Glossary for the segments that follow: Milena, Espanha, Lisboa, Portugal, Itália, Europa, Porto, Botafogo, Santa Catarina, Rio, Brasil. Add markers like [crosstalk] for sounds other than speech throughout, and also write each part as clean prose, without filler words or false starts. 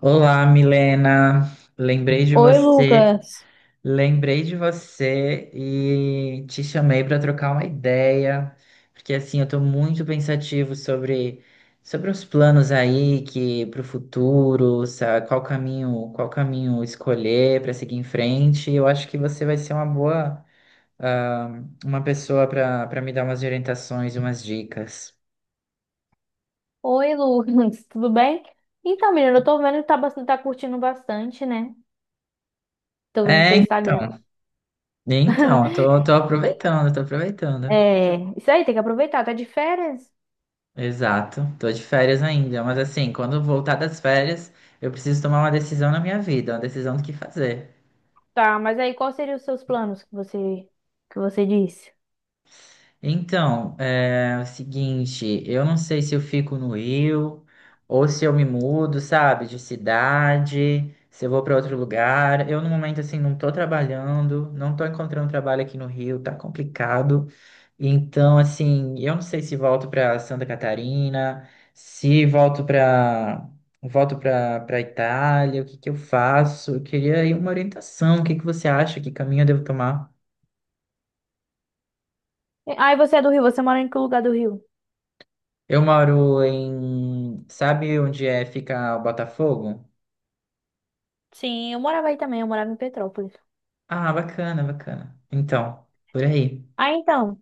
Olá, Milena. Lembrei de Oi, você, Lucas. lembrei de você e te chamei para trocar uma ideia, porque assim, eu estou muito pensativo sobre os planos aí que para o futuro, sabe, qual caminho escolher para seguir em frente. Eu acho que você vai ser uma boa, ah, uma pessoa para me dar umas orientações e umas dicas. Oi, Lucas, [laughs] tudo bem? Então, menina, eu tô vendo que tá, bastante, tá curtindo bastante, né? Tô vendo É, teu Instagram. então, eu [laughs] tô aproveitando, tô aproveitando. É, isso aí, tem que aproveitar, tá de férias? Exato, tô de férias ainda, mas assim, quando eu voltar das férias, eu preciso tomar uma decisão na minha vida, uma decisão do que fazer. Tá, mas aí quais seriam os seus planos que você disse? Então, é o seguinte, eu não sei se eu fico no Rio ou se eu me mudo, sabe, de cidade, se eu vou para outro lugar. Eu, no momento, assim, não tô trabalhando, não tô encontrando trabalho aqui no Rio, tá complicado. Então, assim, eu não sei se volto para Santa Catarina, se volto para Itália, o que que eu faço? Eu queria aí uma orientação, o que que você acha, que caminho eu devo tomar? Aí você é do Rio, você mora em que lugar do Rio? Eu moro em. Sabe onde é fica o Botafogo? Sim, eu morava aí também, eu morava em Petrópolis. Ah, bacana, bacana. Então, por aí. Ah, então,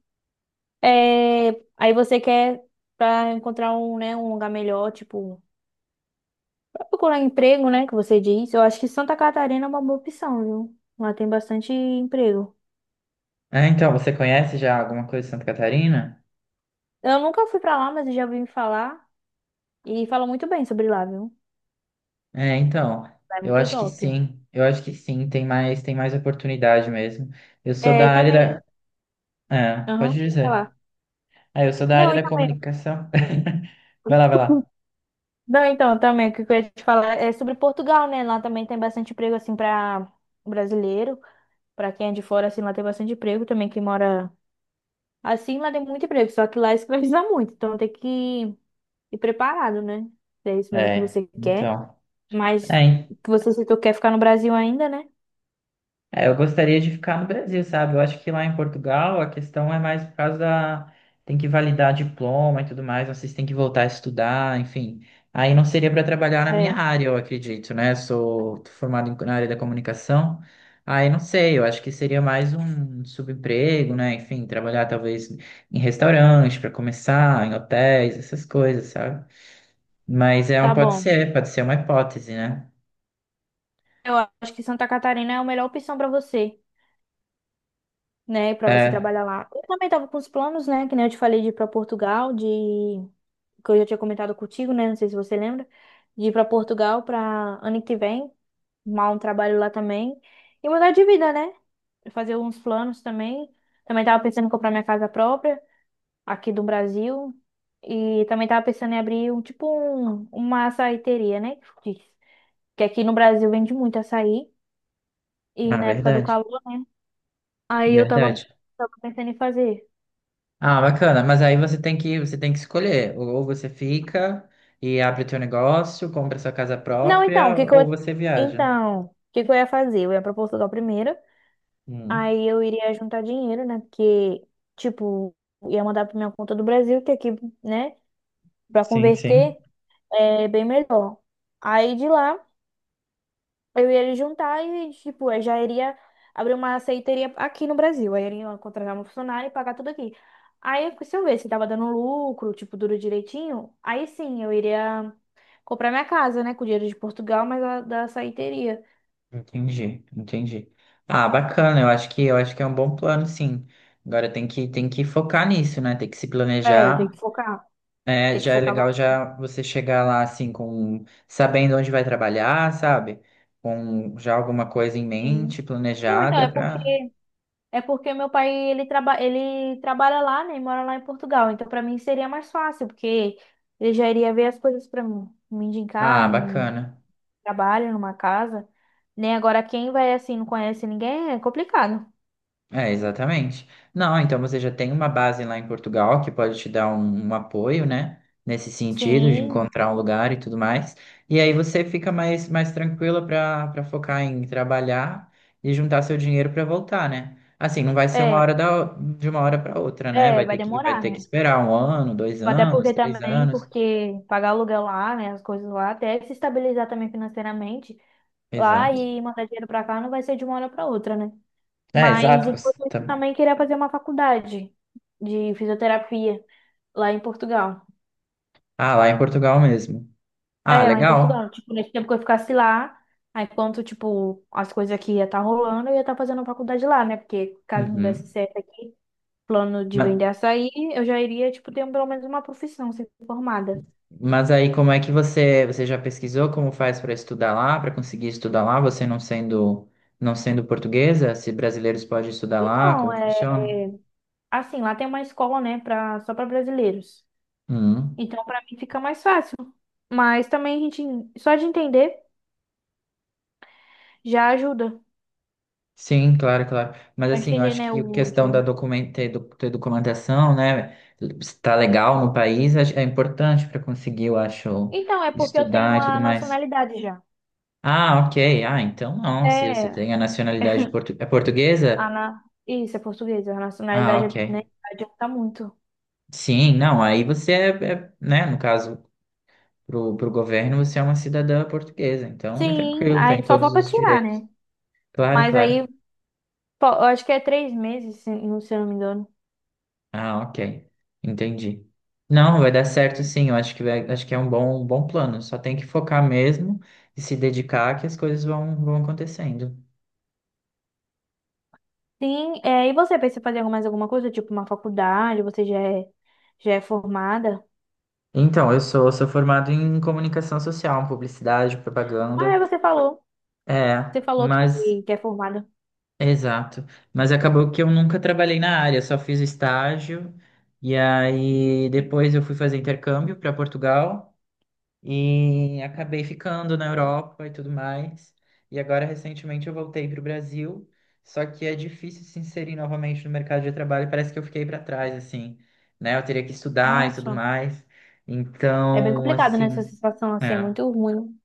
é, aí você quer pra encontrar um, né, um lugar melhor, tipo procurar emprego, né, que você disse, eu acho que Santa Catarina é uma boa opção, viu? Lá tem bastante emprego. Ah, então, você conhece já alguma coisa de Santa Catarina? Eu nunca fui pra lá, mas eu já ouvi falar e falam muito bem sobre lá, viu? É, então, Lá é eu muito acho que top. sim. Eu acho que sim, tem mais oportunidade mesmo. Eu sou É, da e área também, da. É, pode aham, vou dizer. falar. É, eu sou da área Não, e da também, comunicação. [laughs] Vai lá, vai lá. [laughs] não, então, também, o que eu ia te falar é sobre Portugal, né? Lá também tem bastante emprego, assim, pra brasileiro, pra quem é de fora, assim, lá tem bastante emprego também, quem mora, assim, lá tem muito emprego, só que lá escraviza muito, então tem que ir preparado, né? Se é isso mesmo que É, você quer. então. Mas É, que você citou que quer ficar no Brasil ainda, né? É, eu gostaria de ficar no Brasil, sabe? Eu acho que lá em Portugal a questão é mais por causa da... Tem que validar diploma e tudo mais, vocês têm que voltar a estudar, enfim. Aí não seria para trabalhar na minha É, área, eu acredito, né? Sou formado na área da comunicação. Aí não sei, eu acho que seria mais um subemprego, né? Enfim, trabalhar talvez em restaurantes para começar, em hotéis, essas coisas, sabe? Mas é, tá bom. Pode ser uma hipótese, né? Eu acho que Santa Catarina é a melhor opção pra você, né? Pra você É, trabalhar lá. Eu também tava com os planos, né? Que nem eu te falei de ir pra Portugal, de que eu já tinha comentado contigo, né? Não sei se você lembra, de ir pra Portugal pra ano que vem, arrumar um trabalho lá também e mudar de vida, né? Fazer uns planos também. Também tava pensando em comprar minha casa própria aqui do Brasil. E também tava pensando em abrir um tipo um, uma açaiteria, né? Que aqui no Brasil vende muito açaí e na época do verdade, calor, né? Aí eu tava, verdade. tava pensando em fazer. Ah, bacana. Mas aí você tem que escolher. Ou você fica e abre o teu negócio, compra sua casa Não, então, própria, ou você viaja. O que que eu ia fazer? Eu ia pra Portugal primeiro, Hum, aí eu iria juntar dinheiro, né? Porque tipo, ia mandar pra minha conta do Brasil, que aqui, né, pra sim, sim. converter é bem melhor. Aí de lá eu ia juntar e, tipo, eu já iria abrir uma aceiteria aqui no Brasil. Aí eu iria contratar um funcionário e pagar tudo aqui. Aí, se eu ver se tava dando lucro, tipo, duro direitinho, aí sim, eu iria comprar minha casa, né? Com dinheiro de Portugal, mas a, da aceiteria. Entendi, entendi. Ah, bacana. Eu acho que é um bom plano, sim. Agora tem que focar nisso, né? Tem que se É, planejar. tem que focar. É, Tem que já é focar bastante. legal já você chegar lá assim com sabendo onde vai trabalhar, sabe? Com já alguma coisa em mente, Não, então, planejada é porque, para. é porque meu pai, ele, ele trabalha lá, né? E mora lá em Portugal. Então, pra mim, seria mais fácil, porque ele já iria ver as coisas pra mim. Me indicar, Ah, não bacana. trabalha numa casa, né? Agora, quem vai assim, não conhece ninguém, é complicado. É, exatamente. Não, então você já tem uma base lá em Portugal que pode te dar um apoio, né? Nesse sentido, de Sim, encontrar um lugar e tudo mais. E aí você fica mais tranquila para focar em trabalhar e juntar seu dinheiro para voltar, né? Assim, não vai ser é, de uma hora para outra, né? Vai vai ter que, vai demorar, ter que né? esperar um ano, dois Até anos, porque três também, anos. porque pagar aluguel lá, né, as coisas lá, até se estabilizar também financeiramente lá Exato. e mandar dinheiro pra cá não vai ser de uma hora pra outra, né? É, Mas exato. Você enquanto isso, eu tá- também queria fazer uma faculdade de fisioterapia lá em Portugal. Ah, lá em Portugal mesmo. Ah, É, lá em legal. Portugal. Tipo, nesse tempo que eu ficasse lá, aí enquanto, tipo, as coisas aqui ia estar rolando, eu ia estar fazendo faculdade lá, né? Porque caso não desse Uhum. certo aqui, plano de vender açaí, eu já iria, tipo, ter pelo menos uma profissão, ser formada. Mas aí, como é que você já pesquisou como faz para estudar lá, para conseguir estudar lá, você não sendo, não sendo portuguesa, se brasileiros podem estudar lá, Então, como é, funciona? assim, lá tem uma escola, né, pra, só para brasileiros. Hum. Então, pra mim fica mais fácil. Mas também a gente, só de entender, já ajuda. Sim, claro, claro. Mas Pra assim, eu entender, acho né, que a o questão da idioma. Ter documentação, né, estar legal no país é importante para conseguir, eu acho, Então, é porque eu tenho estudar e tudo a mais. nacionalidade já. Ah, ok. Ah, então não, se você É. tem a nacionalidade é portuguesa? Ana... isso, é portuguesa. A Ah, nacionalidade né, ok. adianta muito. Sim, não, aí você é, né, no caso para o governo, você é uma cidadã portuguesa, então é Sim, tranquilo, aí tem só todos falta os tirar, direitos. né? Claro, Mas claro. aí, pô, eu acho que é 3 meses, se eu não me engano. Ah, ok. Entendi. Não, vai dar certo sim, eu acho que acho que é um bom plano. Só tem que focar mesmo e se dedicar que as coisas vão acontecendo. Sim, é, e você pensa em fazer mais alguma coisa, tipo uma faculdade, você já é formada? Então, eu sou formado em comunicação social, publicidade, Ah, é, propaganda. você falou. É, Você falou que, mas que é formada. exato. Mas acabou que eu nunca trabalhei na área, só fiz estágio. E aí depois eu fui fazer intercâmbio para Portugal. E acabei ficando na Europa e tudo mais. E agora, recentemente, eu voltei para o Brasil. Só que é difícil se inserir novamente no mercado de trabalho. Parece que eu fiquei para trás, assim, né? Eu teria que estudar e tudo Nossa, mais. é bem Então, complicado, né? Essa assim, situação assim, é é, muito ruim.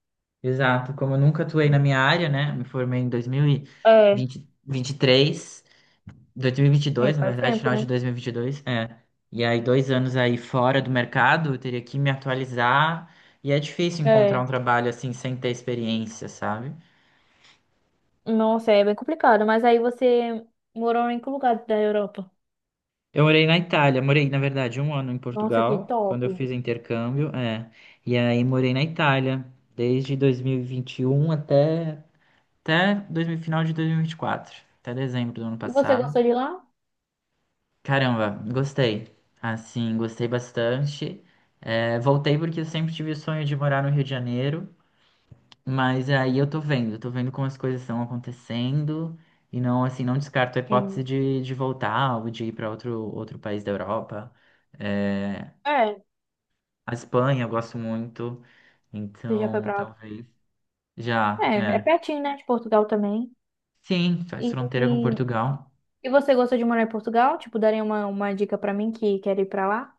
exato. Como eu nunca atuei na minha área, né? Me formei em dois mil e É, e vinte e três 2022, na faz verdade, tempo, final de né? 2022. É. E aí, dois anos aí fora do mercado, eu teria que me atualizar. E é difícil encontrar um É, trabalho assim sem ter experiência, sabe? nossa, é bem complicado. Mas aí você morou em que lugar da Europa? Eu morei na Itália, morei, na verdade, um ano em Nossa, que Portugal, quando top. eu fiz intercâmbio, é. E aí morei na Itália, desde 2021 até, até 2000, final de 2024, até dezembro do ano E você passado. gostou de lá? Caramba, gostei. Assim, gostei bastante. É, voltei porque eu sempre tive o sonho de morar no Rio de Janeiro, mas aí eu tô vendo como as coisas estão acontecendo e não, assim, não descarto a hipótese Sim. de voltar ou de ir para outro país da Europa. É, É, a Espanha eu gosto muito, você já foi então pra lá. talvez já, É, é é. pertinho, né? De Portugal também. Sim, faz E, fronteira com e, Portugal. e você gostou de morar em Portugal? Tipo, daria uma dica pra mim que quer ir pra lá?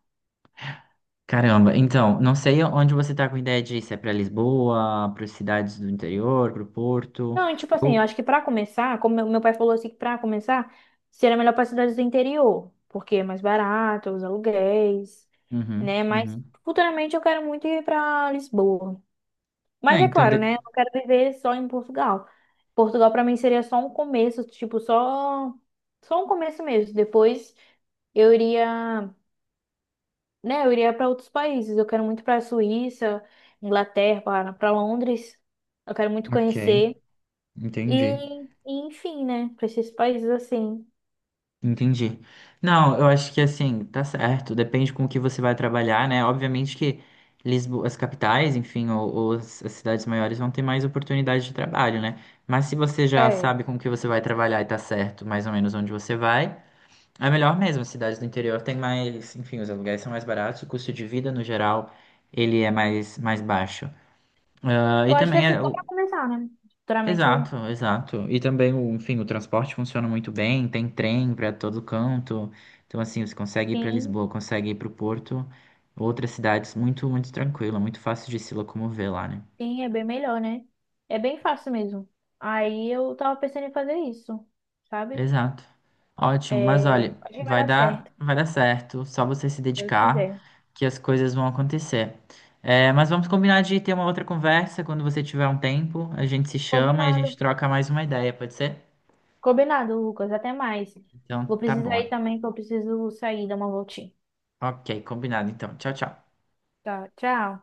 Caramba, então, não sei onde você tá com ideia de ir, se é pra Lisboa, para cidades do interior, pro Porto. Não, e tipo assim, eu Eu... acho que pra começar, como meu pai falou assim, que pra começar, seria melhor pra cidades do interior, porque é mais barato, os aluguéis, Uhum, né? Mas uhum. futuramente eu quero muito ir pra Lisboa. É, Mas é então. claro, né? Eu não quero viver só em Portugal. Portugal para mim seria só um começo, tipo, só um começo mesmo. Depois eu iria, né, eu iria para outros países. Eu quero muito para a Suíça, Inglaterra, para Londres. Eu quero muito Ok, conhecer e, entendi. Enfim, né, para esses países assim. Entendi. Não, eu acho que assim, tá certo, depende com o que você vai trabalhar, né? Obviamente que Lisboa, as capitais, enfim, ou as cidades maiores vão ter mais oportunidade de trabalho, né? Mas se você já É. sabe com o que você vai trabalhar e tá certo mais ou menos onde você vai. É melhor mesmo, as cidades do interior têm mais, enfim, os aluguéis são mais baratos, o custo de vida no geral ele é mais baixo. Ah, Eu e acho que também assim é só o... para começar, né? Futuramente eu Exato, exato. E também, o, enfim, o transporte funciona muito bem, tem trem para todo canto. Então, assim, você consegue ir para sim, Lisboa, consegue ir para o Porto, outras cidades muito, muito tranquila, muito fácil de se locomover lá, né? sim, é bem melhor, né? É bem fácil mesmo. Aí eu tava pensando em fazer isso, sabe? Exato. Ótimo, mas olha, É, acho que vai vai dar certo, dar, vai dar certo, só você se se Deus dedicar quiser. que as coisas vão acontecer. É, mas vamos combinar de ter uma outra conversa quando você tiver um tempo, a gente se chama e a gente Combinado. troca mais uma ideia, pode ser? Combinado, Lucas. Até mais. Vou Então, tá bom. precisar ir também, que eu preciso sair, dar uma voltinha. Ok, combinado então. Tchau, tchau. Tá, tchau.